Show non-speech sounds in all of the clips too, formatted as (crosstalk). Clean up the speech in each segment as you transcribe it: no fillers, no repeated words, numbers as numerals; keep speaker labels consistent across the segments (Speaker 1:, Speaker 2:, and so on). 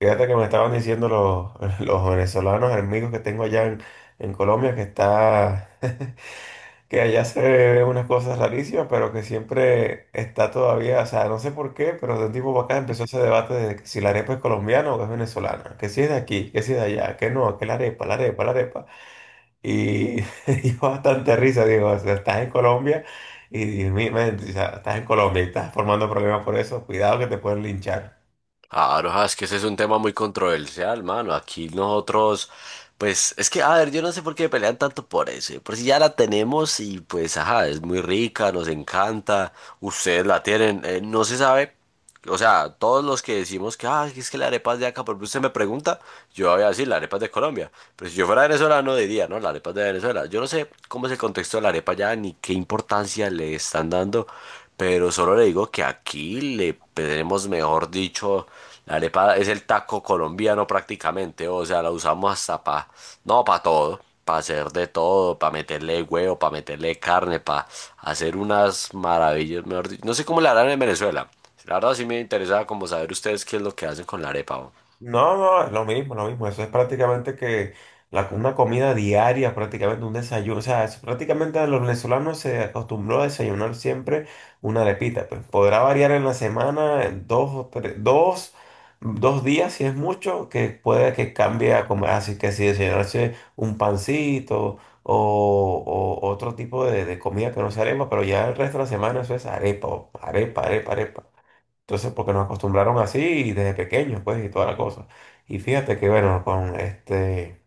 Speaker 1: Fíjate que me estaban diciendo (laughs) los venezolanos amigos que tengo allá en Colombia que está, (laughs) que allá se ven unas cosas rarísimas, pero que siempre está todavía, o sea, no sé por qué, pero de un tiempo para acá empezó ese debate de que si la arepa es colombiana o es venezolana, que si es de aquí, que si es de allá, que no, que la arepa. Y (laughs) dio bastante risa, digo, o sea, estás en Colombia y, Dios mío, man, o sea, estás en Colombia y estás formando problemas por eso, cuidado que te pueden linchar.
Speaker 2: Claro, ah, es que ese es un tema muy controversial, mano. Aquí nosotros, pues, es que, a ver, yo no sé por qué pelean tanto por eso. Por si ya la tenemos y pues, ajá, es muy rica, nos encanta, ustedes la tienen, no se sabe. O sea, todos los que decimos que, ah, es que la arepa es de acá, porque usted me pregunta, yo voy a decir, la arepa es de Colombia. Pero si yo fuera venezolano diría, no, la arepa es de Venezuela. Yo no sé cómo es el contexto de la arepa ya, ni qué importancia le están dando. Pero solo le digo que aquí le tenemos, mejor dicho, la arepa es el taco colombiano prácticamente, o sea, la usamos hasta para, no, para todo, para hacer de todo, para meterle huevo, para meterle carne, para hacer unas maravillas, mejor dicho. No sé cómo la harán en Venezuela. La verdad sí me interesaba como saber ustedes qué es lo que hacen con la arepa. O.
Speaker 1: No, no, es lo mismo. Eso es prácticamente que una comida diaria, prácticamente un desayuno. O sea, prácticamente los venezolanos se acostumbró a desayunar siempre una arepita. Pues podrá variar en la semana dos o tres, dos, dos días, si es mucho, que puede que cambie a comer. Así que si desayunarse un pancito o otro tipo de comida que no sea arepa, pero ya el resto de la semana eso es arepa. Entonces, porque nos acostumbraron así desde pequeños, pues, y toda la cosa. Y fíjate que, bueno, con este...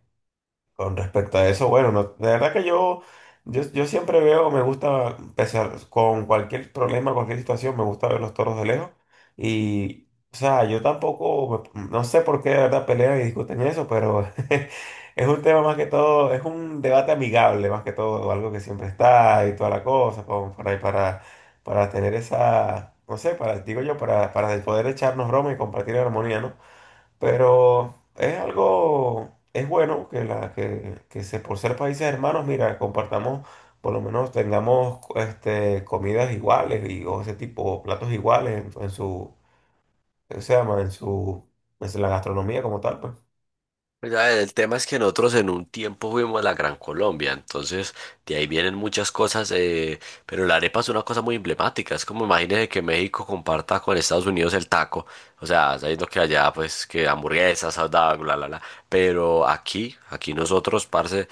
Speaker 1: Con respecto a eso, bueno, de verdad que yo siempre veo, me gusta, con cualquier problema, cualquier situación, me gusta ver los toros de lejos. Y, o sea, yo tampoco, no sé por qué de verdad pelean y discuten eso, pero (laughs) es un tema más que todo, es un debate amigable más que todo, algo que siempre está y toda la cosa, como para tener esa, no sé, digo yo, para poder echarnos broma y compartir armonía, ¿no? Pero es algo, es bueno que se, por ser países hermanos, mira, compartamos, por lo menos tengamos este, comidas iguales y, o ese tipo, platos iguales en su, ¿qué se llama? En su, en la gastronomía como tal, pues.
Speaker 2: Ya, el tema es que nosotros en un tiempo fuimos a la Gran Colombia, entonces de ahí vienen muchas cosas, pero la arepa es una cosa muy emblemática, es como imagínese que México comparta con Estados Unidos el taco, o sea, sabiendo que allá pues que hamburguesas, hot dog, bla, bla, bla, pero aquí nosotros, parce,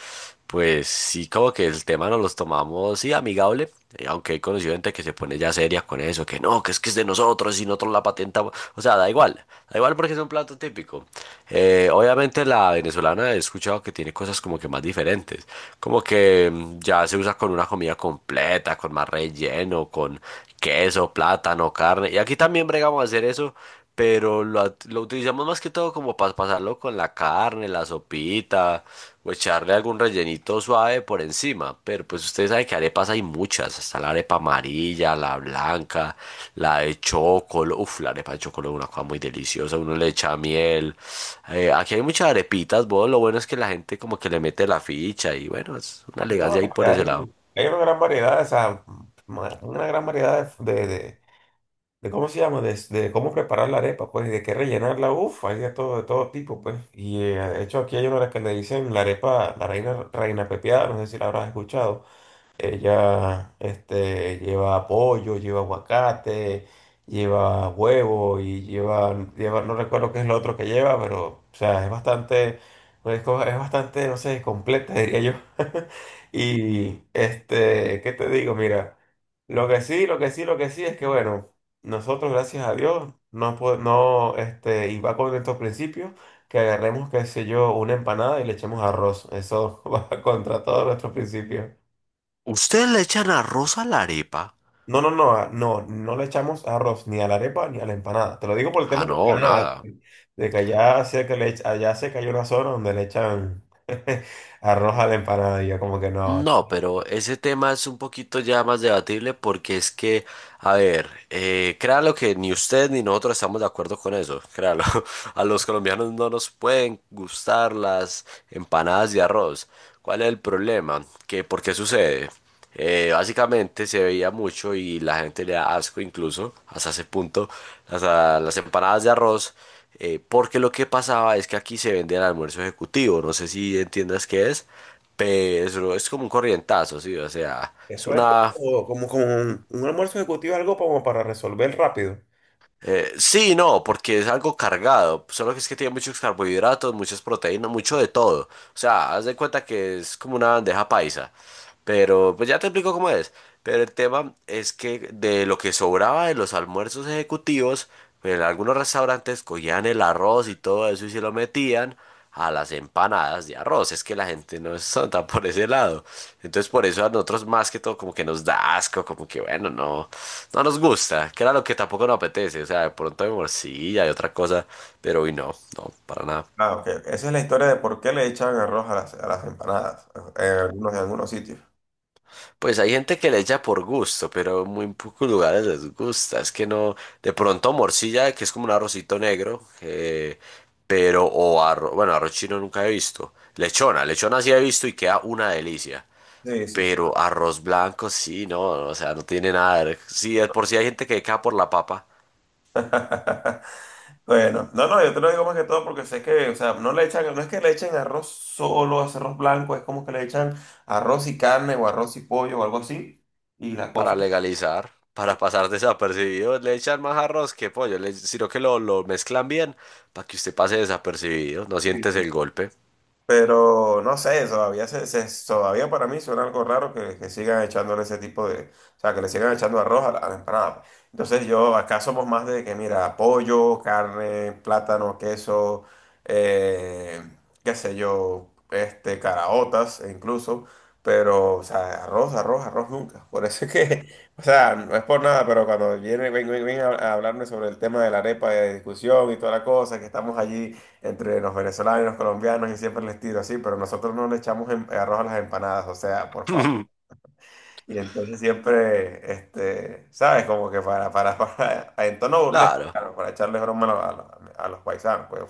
Speaker 2: pues sí como que el tema nos los tomamos, sí, amigable, aunque he conocido gente que se pone ya seria con eso, que no, que es de nosotros y nosotros la patentamos, o sea, da igual porque es un plato típico. Obviamente la venezolana he escuchado que tiene cosas como que más diferentes, como que ya se usa con una comida completa, con más relleno, con queso, plátano, carne. Y aquí también bregamos a hacer eso, pero lo utilizamos más que todo como para pasarlo con la carne, la sopita echarle algún rellenito suave por encima, pero pues ustedes saben que arepas hay muchas, está la arepa amarilla, la blanca, la de chocolate, uff, la arepa de chocolate es una cosa muy deliciosa, uno le echa miel, aquí hay muchas arepitas, vos, lo bueno es que la gente como que le mete la ficha y bueno, es una
Speaker 1: No,
Speaker 2: elegancia ahí
Speaker 1: es que
Speaker 2: por ese lado.
Speaker 1: hay una gran variedad, o sea, una gran variedad de cómo se llama, de cómo preparar la arepa, pues, y de qué rellenarla, uff, hay de todo tipo, pues. Y de hecho aquí hay una que le dicen la arepa, la reina pepiada, no sé si la habrás escuchado. Ella, este, lleva pollo, lleva aguacate, lleva huevo y lleva, no recuerdo qué es lo otro que lleva, pero, o sea, es bastante, pues, es bastante, no sé, completa, diría yo. (laughs) Y, este, ¿qué te digo? Mira, lo que sí, lo que sí, lo que sí es que, bueno, nosotros, gracias a Dios, no, no, este, y va con estos principios, que agarremos, qué sé yo, una empanada y le echemos arroz. Eso (laughs) va contra todos nuestros principios.
Speaker 2: ¿Ustedes le echan arroz a la arepa?
Speaker 1: No le echamos arroz ni a la arepa ni a la empanada. Te lo digo por el tema
Speaker 2: Ah,
Speaker 1: de la
Speaker 2: no,
Speaker 1: empanada,
Speaker 2: nada.
Speaker 1: de que allá sé que allá sé que hay una zona donde le echan (laughs) arroz a la empanada y yo como que no.
Speaker 2: No, pero ese tema es un poquito ya más debatible porque es que, a ver, créalo que ni usted ni nosotros estamos de acuerdo con eso, créalo. (laughs) A los colombianos no nos pueden gustar las empanadas de arroz. ¿Cuál es el problema? ¿Qué, por qué sucede? Básicamente se veía mucho y la gente le da asco incluso, hasta ese punto, las empanadas de arroz, porque lo que pasaba es que aquí se vende el almuerzo ejecutivo, no sé si entiendas qué es. Pero es como un corrientazo, sí, o sea, es
Speaker 1: Eso es
Speaker 2: una...
Speaker 1: como un almuerzo ejecutivo, algo como para resolver rápido.
Speaker 2: sí, no, porque es algo cargado, solo que es que tiene muchos carbohidratos, muchas proteínas, mucho de todo. O sea, haz de cuenta que es como una bandeja paisa, pero pues ya te explico cómo es. Pero el tema es que de lo que sobraba de los almuerzos ejecutivos, pues, en algunos restaurantes cogían el arroz y todo eso y se lo metían a las empanadas de arroz. Es que la gente no es santa por ese lado. Entonces por eso a nosotros más que todo como que nos da asco, como que bueno, no, no nos gusta, que era lo que tampoco nos apetece. O sea, de pronto hay morcilla y otra cosa, pero hoy no, no, para nada.
Speaker 1: Claro, que esa es la historia de por qué le echan arroz a a las empanadas en en algunos sitios.
Speaker 2: Pues hay gente que le echa por gusto, pero en muy pocos lugares les gusta. Es que no, de pronto morcilla, que es como un arrocito negro, pero o arroz, bueno, arroz chino nunca he visto. Lechona, lechona sí he visto y queda una delicia.
Speaker 1: Sí, sí, sí.
Speaker 2: Pero arroz blanco sí, no, o sea, no tiene nada. Sí, de por si hay gente que queda por la papa
Speaker 1: Bueno, no, no, yo te lo digo más que todo porque sé que, o sea, no le echan, no es que le echen arroz solo, es arroz blanco, es como que le echan arroz y carne o arroz y pollo o algo así, y la cosa,
Speaker 2: para legalizar, para pasar desapercibido, le echan más arroz que pollo, sino que lo mezclan bien para que usted pase desapercibido, no sientes
Speaker 1: sí.
Speaker 2: el golpe.
Speaker 1: Pero no sé, todavía, todavía para mí suena algo raro que sigan echándole ese tipo de. O sea, que le sigan echando arroz a a la empanada, pues. Entonces, yo acá somos más de que, mira, pollo, carne, plátano, queso, eh, qué sé yo, este, caraotas e incluso. Pero, o sea, arroz nunca. Por eso es que, (laughs) o sea, no es por nada, pero cuando viene, a hablarme sobre el tema de la arepa de discusión y toda la cosa, que estamos allí entre los venezolanos y los colombianos y siempre les tiro así, pero nosotros no le echamos arroz a las empanadas, o sea, por favor.
Speaker 2: (laughs)
Speaker 1: Y entonces siempre, este, ¿sabes? Como que (laughs) en tono burlesco,
Speaker 2: Claro.
Speaker 1: claro, para echarle broma a los paisanos, pues.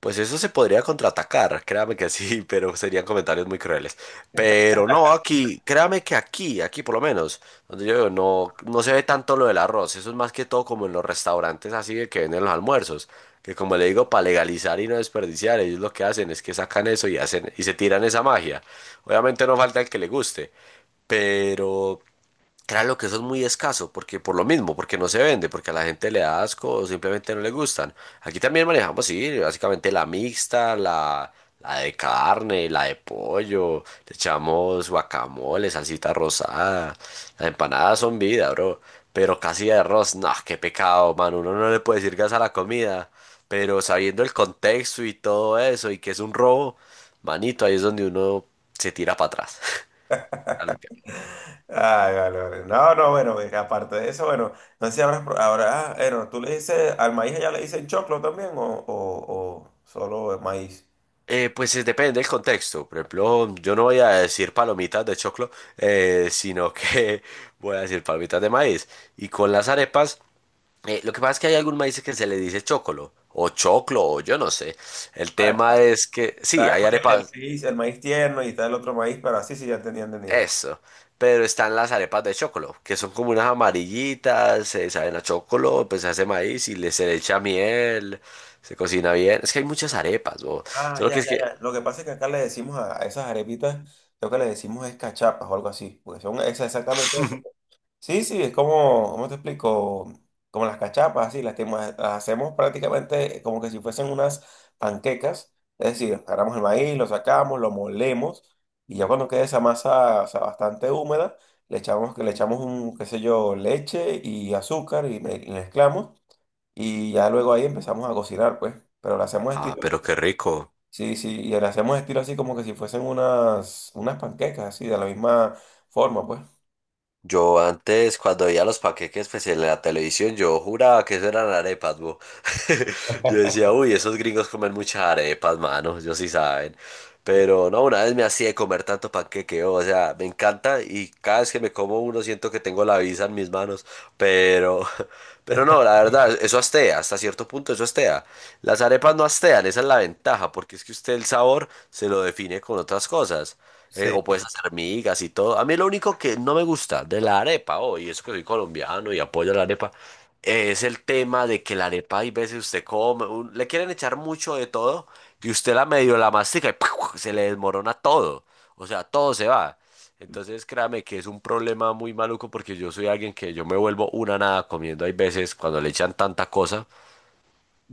Speaker 2: Pues eso se podría contraatacar, créame que sí, (laughs) pero serían comentarios muy crueles. Pero no, aquí, créame que aquí por lo menos, donde yo vivo, no, no se ve tanto lo del arroz, eso es más que todo como en los restaurantes así de que venden los almuerzos, que como le digo, para legalizar y no desperdiciar, ellos lo que hacen es que sacan eso y hacen, y se tiran esa magia. Obviamente no falta el que le guste, pero claro que eso es muy escaso, porque por lo mismo, porque no se vende, porque a la gente le da asco o simplemente no le gustan. Aquí también manejamos, sí, básicamente la mixta, la de carne, la de pollo, le echamos guacamole, salsita rosada, las empanadas son vida, bro. Pero casi de arroz, no, qué pecado, man, uno no le puede decir gas a la comida, pero sabiendo el contexto y todo eso, y que es un robo, manito, ahí es donde uno se tira para atrás.
Speaker 1: (laughs)
Speaker 2: (laughs)
Speaker 1: Ay, vale. No, no, bueno, venga, aparte de eso, bueno, no sé si ah, bueno, tú le dices, al maíz ya le dicen choclo también o solo el maíz.
Speaker 2: Pues depende del contexto. Por ejemplo, yo no voy a decir palomitas de choclo, sino que (laughs) voy a decir palomitas de maíz. Y con las arepas, lo que pasa es que hay algún maíz que se le dice chocolo, o choclo, o yo no sé. El
Speaker 1: Ah,
Speaker 2: tema es que, sí,
Speaker 1: está
Speaker 2: hay arepas,
Speaker 1: el maíz tierno y está el otro maíz, pero así sí, ya entendí.
Speaker 2: eso, pero están las arepas de chocolo, que son como unas amarillitas, se saben a chocolo, pues se hace maíz y le se le echa miel, se cocina bien. Es que hay muchas arepas, bo.
Speaker 1: Ah,
Speaker 2: Solo
Speaker 1: ya,
Speaker 2: que es
Speaker 1: ya,
Speaker 2: que,
Speaker 1: ya. Lo que pasa es que acá le decimos a esas arepitas, lo que le decimos es cachapas o algo así, porque son esas exactamente. Sí, sí, es como, ¿cómo te explico? Como las cachapas, así, que las hacemos prácticamente como que si fuesen unas panquecas, es decir, agarramos el maíz, lo sacamos, lo molemos, y ya cuando quede esa masa, o sea, bastante húmeda, le echamos, que le echamos un, qué sé yo, leche y azúcar y mezclamos, y ya luego ahí empezamos a cocinar, pues, pero lo hacemos
Speaker 2: ah,
Speaker 1: estilo.
Speaker 2: pero qué rico.
Speaker 1: Sí, sí, y le hacemos estilo así como que si fuesen unas panquecas, así, de la misma forma, pues.
Speaker 2: Yo antes, cuando veía los paqueques pues, en la televisión, yo juraba que eso eran arepas, bo. (laughs) Yo decía, uy, esos gringos comen muchas arepas, mano, ellos sí saben. Pero no, una vez me hacía comer tanto panqueque, o sea, me encanta y cada vez que me como uno siento que tengo la visa en mis manos. Pero, (laughs) pero no, la verdad, eso astea, hasta cierto punto eso astea. Las arepas no astean, esa es la ventaja, porque es que usted el sabor se lo define con otras cosas.
Speaker 1: Sí.
Speaker 2: O puedes hacer migas y todo. A mí lo único que no me gusta de la arepa, oh, y eso que soy colombiano y apoyo la arepa, es el tema de que la arepa hay veces usted come, le quieren echar mucho de todo y usted la medio la mastica y (laughs) se le desmorona todo. O sea, todo se va. Entonces créame que es un problema muy maluco porque yo soy alguien que yo me vuelvo una nada comiendo. Hay veces cuando le echan tanta cosa,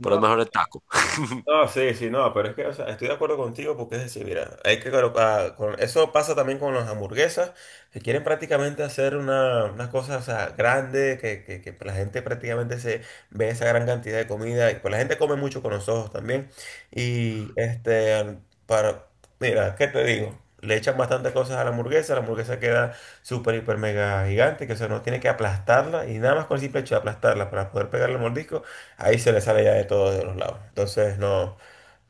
Speaker 2: por lo mejor el taco.
Speaker 1: No, sí, sí, no, pero es que, o sea, estoy de acuerdo contigo porque es decir, mira, hay que colocar, con, eso pasa también con las hamburguesas, que quieren prácticamente hacer unas cosas, o sea, grandes, que la gente prácticamente se ve esa gran cantidad de comida, y pues la gente come mucho con los ojos también, y este, para, mira, ¿qué te digo? Le echan bastantes cosas a la hamburguesa queda súper, hiper, mega gigante, que o sea, no tiene que aplastarla, y nada más con el simple hecho de aplastarla para poder pegarle el mordisco, ahí se le sale ya de todos de los lados. Entonces no,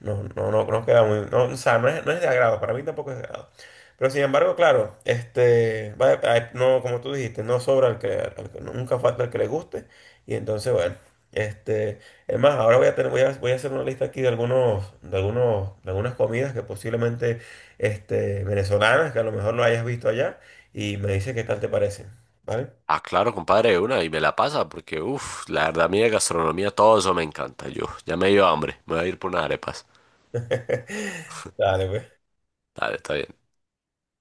Speaker 1: no, no, no, no queda muy, no, o sea, no es, no es de agrado, para mí tampoco es de agrado. Pero sin embargo, claro, este, ah, no, como tú dijiste, no sobra el que, nunca falta el que le guste. Y entonces, bueno, este, es más, ahora voy a voy a hacer una lista aquí de de algunas comidas que posiblemente, este, venezolanas, que a lo mejor lo hayas visto allá, y me dice qué tal te parecen, ¿vale?
Speaker 2: Ah, claro, compadre, de una, y me la pasa, porque, uff, la verdad, a mí de gastronomía todo eso me encanta. Yo, ya me dio hambre, me voy a ir por unas arepas.
Speaker 1: (laughs) Dale, pues.
Speaker 2: Dale, está bien.